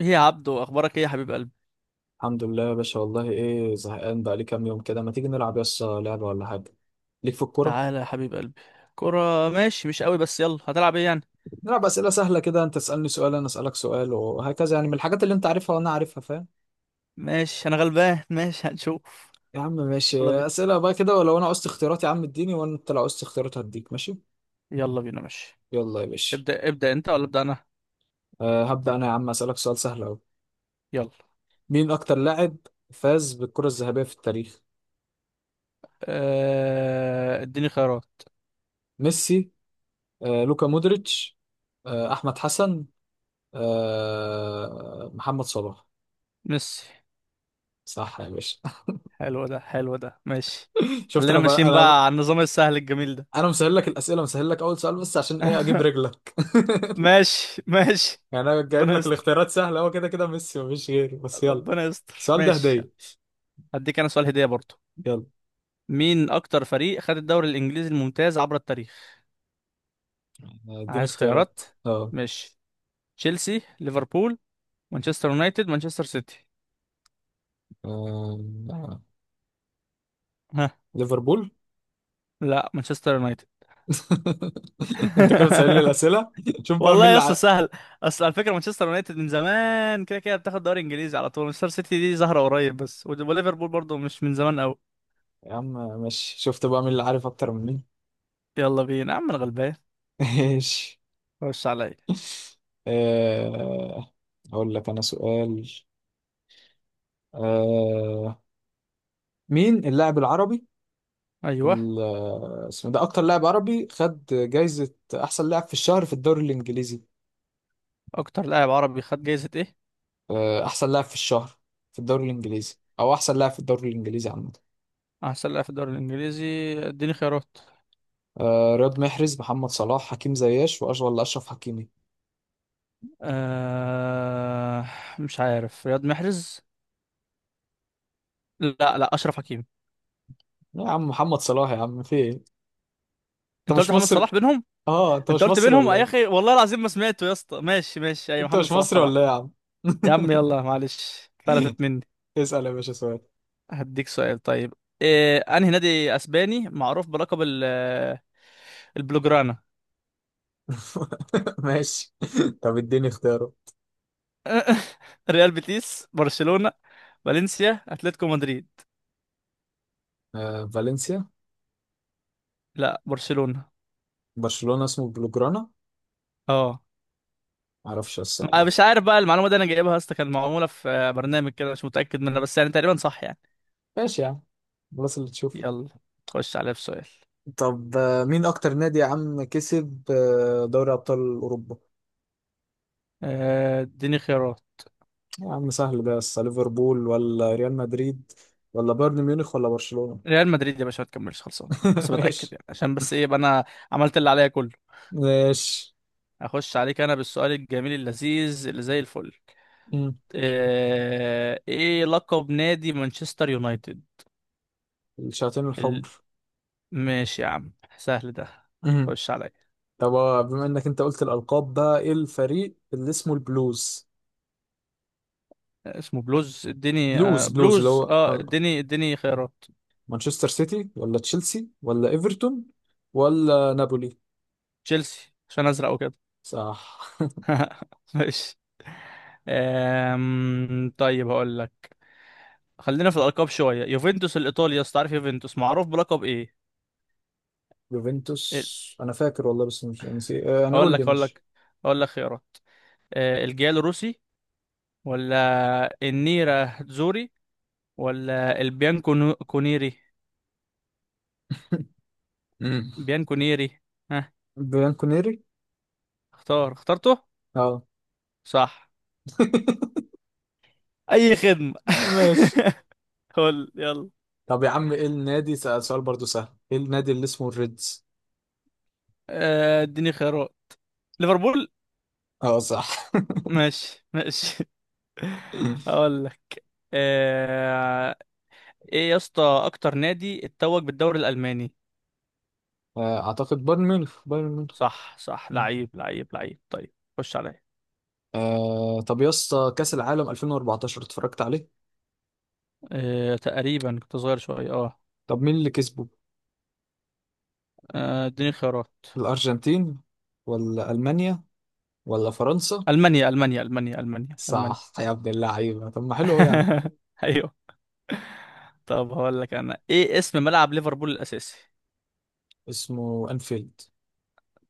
ايه يا عبدو، اخبارك؟ ايه يا حبيب قلبي. الحمد لله يا باشا، والله ايه زهقان بقى لي كام يوم كده، ما تيجي نلعب يس لعبة ولا حاجة ليك في الكورة؟ تعالى يا حبيب قلبي. كرة ماشي، مش قوي بس يلا، هتلعب ايه يعني؟ نلعب أسئلة سهلة كده، انت تسألني سؤال انا أسألك سؤال وهكذا، يعني من الحاجات اللي انت عارفها وانا عارفها، فاهم؟ ماشي انا غلبان. ماشي هنشوف. يا عم يلا ماشي، بينا، أسئلة بقى كده، ولو انا عوزت اختيارات يا عم اديني، وانت لو عوزت اختيارات هديك، ماشي. يلا بينا ماشي. يلا يا باشا. ابدأ، ابدأ انت ولا ابدأ انا؟ أه هبدأ انا، يا عم أسألك سؤال سهل أوي. يلا. مين اكتر لاعب فاز بالكرة الذهبية في التاريخ؟ اديني خيارات. ميسي، لوكا مودريتش، أحمد حسن، محمد صلاح. ميسي. صح يا باشا. حلو ده، حلو ده ماشي. شفت، خلينا انا بقى ماشيين انا بقى على النظام السهل الجميل ده. انا مسهل لك الاسئله، مسهل لك اول سؤال بس، عشان ايه؟ اجيب رجلك. ماشي ماشي. يعني انا جايب ربنا لك يستر، الاختيارات سهله، هو كده كده ميسي مفيش غيره، بس يلا. ربنا يستر السؤال ده ماشي. هديه. هديك انا سؤال هدية برضو. يلا. مين اكتر فريق خد الدوري الانجليزي الممتاز عبر التاريخ؟ اديني عايز اختيارات. خيارات. اه. مش تشيلسي، ليفربول، مانشستر يونايتد، مانشستر سيتي. آه، ها. ليفربول. لا، مانشستر يونايتد. انت كده بتسألني الاسئله؟ شوف بقى مين والله يا اللي اسطى سهل. اصل على فكره مانشستر يونايتد من زمان كده كده بتاخد دوري انجليزي على طول، مانشستر سيتي دي ظاهره قريب، بس وليفربول برضو مش من زمان قوي. يا عم ماشي، شفت بقى مين اللي عارف اكتر مني. يلا بينا يا عم، انا غلبان. ماشي. خش عليا. آه، اقول لك انا سؤال. آه، مين اللاعب العربي ايوه. ال- اسمه ده، اكتر لاعب عربي خد جايزة احسن لاعب في الشهر في الدوري الانجليزي؟ اكتر لاعب عربي خد جايزه ايه؟ احسن لاعب في الشهر في الدوري الانجليزي، او احسن لاعب في الدوري الانجليزي عامة. احسن لاعب في الدوري الانجليزي. اديني خيارات. رياض محرز، محمد صلاح، حكيم زياش، ولا اشرف حكيمي. آه... مش عارف، رياض محرز. لا لا، اشرف حكيمي. لا يا عم محمد صلاح، يا عم في ايه؟ انت انت قلت مش محمد مصري؟ صلاح بينهم. اه انت انت مش قلت مصري بينهم ولا يا ايه؟ اخي، والله العظيم ما سمعته يا اسطى. ماشي ماشي، ايوه انت محمد مش صلاح مصري طبعا. ولا ايه يا عم؟ يا عم يلا، معلش فلتت مني. اسأل يا باشا سؤال. هديك سؤال طيب. إيه، انهي نادي اسباني معروف بلقب البلوجرانا؟ ماشي. طب اديني اختياره. ريال بيتيس، برشلونة، فالنسيا، اتلتيكو مدريد. فالنسيا. لا، برشلونة. برشلونة اسمه بلوجرانا؟ اه. معرفش بس انا والله. مش عارف بقى المعلومة دي، انا جايبها يا اسطى كان معمولة في برنامج كده، مش متأكد منها بس يعني تقريبا صح يعني. ماشي يا عم، خلاص اللي تشوف. يلا. خش عليا بسؤال. طب مين اكتر نادي يا عم كسب دوري ابطال اوروبا؟ اديني خيارات. يا عم سهل ده، بس ليفربول ولا ريال مدريد، ولا بايرن ميونخ ولا برشلونة؟ ريال مدريد يا باشا، ما تكملش خلصان. بس بتأكد ماشي. يعني، عشان بس ايه يبقى انا عملت اللي عليا كله. ماشي. اخش عليك انا بالسؤال الجميل اللذيذ اللي زي الفل. مم. إيه لقب نادي مانشستر يونايتد؟ الشياطين ال... الحمر. ماشي يا عم، سهل ده. مم. خش عليا. طب بما انك انت قلت الالقاب بقى، ايه الفريق اللي اسمه البلوز؟ اسمه بلوز. اديني بلوز آه بلوز اللي بلوز هو، اه، اديني خيارات. مانشستر سيتي ولا تشيلسي ولا ايفرتون، ولا نابولي؟ تشيلسي، عشان ازرق وكده. صح. ماشي. طيب هقول لك. خلينا في الالقاب شويه، يوفنتوس الايطالي يا اسطى، عارف يوفنتوس معروف بلقب ايه؟ يوفنتوس انا فاكر والله بس مش نسي، يعني هقول قول لك، لي هقول مش. لك، هقول لك خيارات. الجيال الروسي، ولا النيرة زوري، ولا البيان كونيري. امم بيان كونيري. ها. بيان كونيري. اختار اخترته. اه. صح. اي خدمة. ماشي. قول يلا. طب يا عم ايه النادي، سأل سؤال برضو سهل، ايه النادي اللي اسمه الريدز؟ اديني خيارات. ليفربول. اه صح. ماشي ماشي. هقول لك. آه، ايه يا اسطى اكتر نادي اتوج بالدوري الالماني؟ اعتقد بايرن ميونخ، بايرن ميونخ. صح صح، مم. لعيب لعيب لعيب، طيب خش عليا. طب يا اسطى كأس العالم 2014 اتفرجت عليه؟ تقريبا كنت صغير شوية، اه. طب مين اللي كسبه؟ اديني خيارات. الارجنتين ولا المانيا ولا فرنسا؟ المانيا، المانيا، المانيا، المانيا، المانيا. صح يا ابن اللعيبه، طب ما حلو أهو يا عم. ايوه. طب هقول لك انا، ايه اسم ملعب ليفربول الاساسي؟ اسمه انفيلد.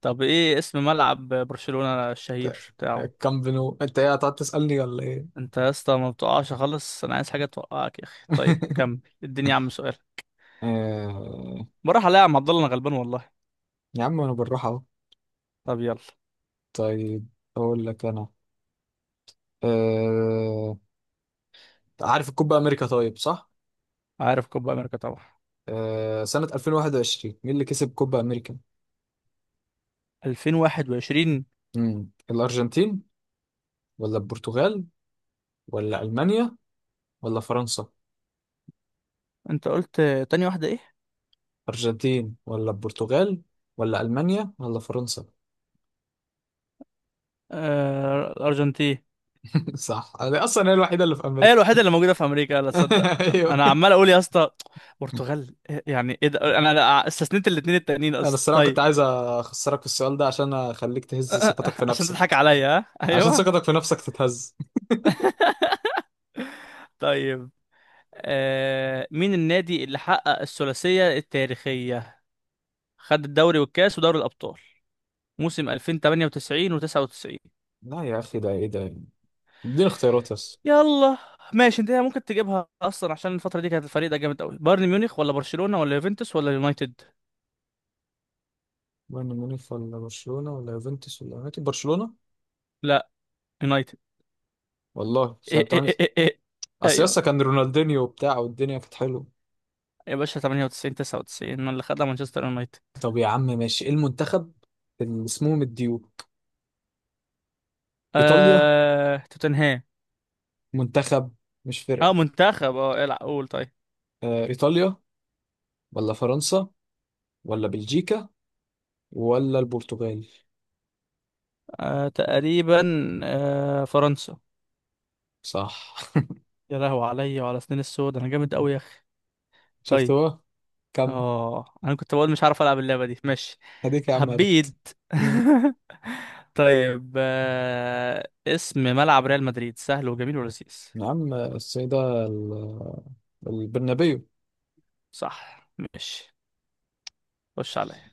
طب ايه اسم ملعب برشلونة الشهير بتاعه؟ كامب نو، انت ايه هتقعد تسألني ولا ايه؟ انت يا اسطى ما بتقعش خالص، انا عايز حاجه توقعك يا اخي. طيب كمل اديني يا عم سؤال. آه، بروح الاقي يا عم عبد الله، انا غلبان والله. يا عم انا بالراحة اهو. طب يلا. طيب اقول لك انا، آه، عارف الكوبا امريكا طيب، صح؟ عارف كوبا امريكا طبعا. سنة 2021 مين اللي كسب كوبا امريكا؟ 2021. مم. الارجنتين ولا البرتغال، ولا المانيا ولا فرنسا؟ انت قلت، تاني واحده ايه؟ ارجنتين ولا البرتغال، ولا المانيا ولا فرنسا؟ آه الارجنتين. صح، انا اصلا هي الوحيدة اللي في هي امريكا. الوحيده اللي موجوده في امريكا، لا تصدق. انا ايوه. عمال اقول يا اسطى، برتغال يعني ايه ده، أنا استثنيت الاثنين التانيين انا اصلا. الصراحه كنت طيب. عايز اخسرك في السؤال ده عشان اخليك تهز ثقتك في عشان نفسك. تضحك عليا. ها عشان ايوه. ثقتك في نفسك تتهز. طيب. مين النادي اللي حقق الثلاثيه التاريخيه، خد الدوري والكاس ودوري الابطال موسم 2098 و99؟ لا يا اخي ده ايه ده؟ اديني اختيارات بس. يلا. ماشي، انت ممكن تجيبها اصلا عشان الفتره دي كانت الفريق ده جامد قوي. بايرن ميونخ ولا برشلونه ولا يوفنتوس ولا يونايتد؟ بايرن ميونخ ولا برشلونه، ولا يوفنتوس ولا يونايتد؟ برشلونه. لا، يونايتد. والله سنه إيه 8، إيه إيه إيه. إيه. اصل ايوه. يسا كان رونالدينيو وبتاع والدنيا كانت حلوه. يا باشا 98 99 اللي خدها مانشستر يونايتد. طب يا عم ماشي، ايه المنتخب اللي اسمهم الديوك؟ ايطاليا، توتنهام. منتخب مش اه فرقه. منتخب، اه العب قول. طيب. ايطاليا ولا فرنسا، ولا بلجيكا ولا البرتغال؟ تقريبا. فرنسا. صح. يا لهوي عليا وعلى سنين السود، انا جامد قوي يا اخي. شفت طيب. هو. كم. اه انا كنت بقول مش عارف العب اللعبه دي، ماشي. هديك يا عم عرفت. هبيد. مم. طيب، اسم ملعب ريال مدريد سهل وجميل ولذيذ. يا عم السيدة البرنابيو. صح ماشي. خش عليا.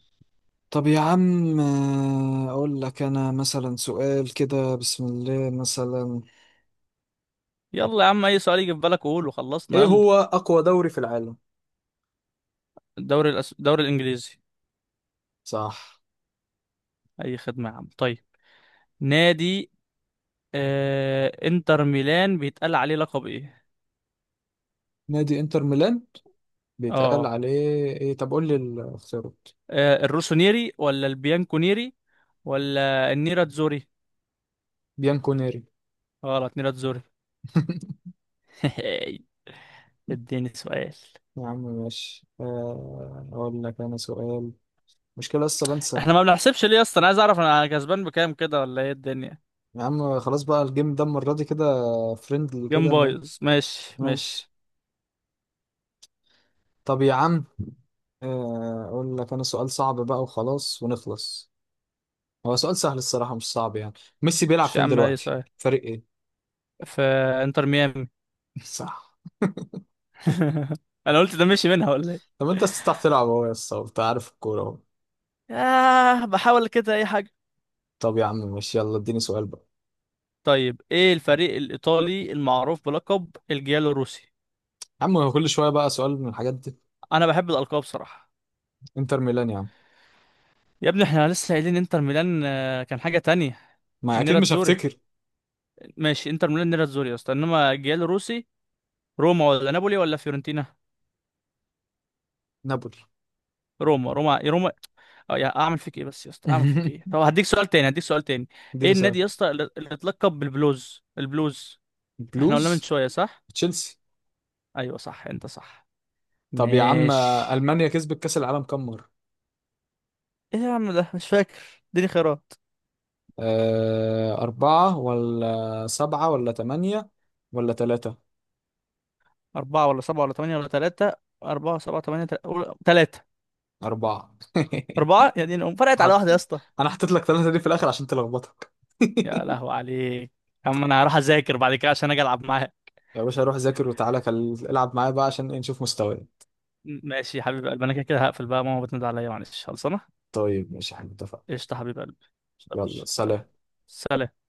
طب يا عم، أقول لك أنا مثلا سؤال كده، بسم الله، مثلا، يلا يا عم، اي سؤال يجي في بالك قول وخلصنا إيه يلا. هو أقوى دوري في العالم؟ الدوري الانجليزي. صح. اي خدمه يا عم. طيب. نادي انتر ميلان بيتقال عليه لقب ايه؟ نادي انتر ميلان بيتقال اه. عليه، إيه؟ طب قول لي الاختيارات. الروسونيري ولا البيانكونيري ولا النيراتزوري؟ بيانكونيري. غلط، نيراتزوري. اديني سؤال. يا عم ماشي، أقول لك أنا سؤال، مشكلة لسه بنسى. احنا ما بنحسبش ليه اصلا، انا عايز اعرف انا كسبان بكام كده ولا ايه الدنيا؟ يا عم خلاص بقى، الجيم ده المرة دي كده فريندلي جيم كده أنا. بايظ، ماشي ماشي. ماشي. طب يا عم، اقول لك انا سؤال صعب بقى وخلاص ونخلص. هو سؤال سهل الصراحة مش صعب يعني. ميسي بيلعب مش يا فين عم اي دلوقتي، سؤال. فريق ايه؟ في انتر ميامي. صح. انا قلت ده مشي منها ولا ايه؟ طب انت تستطيع تلعب اهو يا اسطى، انت عارف الكورة اهو. آه بحاول كده اي حاجه. طب يا عم ماشي، يلا اديني سؤال بقى. طيب، ايه الفريق الايطالي المعروف بلقب الجيالو روسي؟ يا عم هو كل شوية بقى سؤال من الحاجات دي. انا بحب الالقاب بصراحه. انتر ميلان يا عم، يا ابني احنا لسه قايلين انتر ميلان، كان حاجه تانية. ما اكيد النيرة مش تزوري. هفتكر. ماشي، انتر ميلان نيرة تزوري يا اسطى، انما الجيل الروسي. روما ولا نابولي ولا فيورنتينا؟ نابولي. روما روما روما. اه، يا اعمل فيك ايه بس يا اسطى، اعمل فيك ايه؟ طب هديك سؤال تاني، هديك سؤال تاني. ايه اديني سؤال. النادي يا اسطى اللي اتلقب بالبلوز؟ البلوز. احنا قلنا من بلوز، شويه صح. تشيلسي. ايوه صح، انت صح. طب يا عم، ماشي. المانيا كسبت كأس العالم كام مرة؟ ايه يا عم، ده مش فاكر، اديني خيارات. أه أربعة ولا سبعة ولا تمانية، ولا تلاتة؟ اربعة ولا سبعة ولا تمانية ولا تلاتة؟ أربعة، سبعة، تمانية، تلاتة. أربعة. أربعة يعني، أم فرقت على حد، واحدة يا اسطى. انا حطيت لك ثلاثة دي في الاخر عشان تلخبطك. يا لهو عليك. يا عم أنا هروح أذاكر بعد كده عشان أجي ألعب معاها. يا باشا روح ذاكر وتعالى، العب معايا بقى عشان نشوف مستواي. ماشي يا حبيب قلبي، أنا كده كده هقفل بقى، ماما بتنادي عليا، معلش خلصانة. طيب ماشي، احنا اتفقنا. قشطة يا حبيب قلبي. قشطة يا يلا باشا. سلام. سلام. سلام.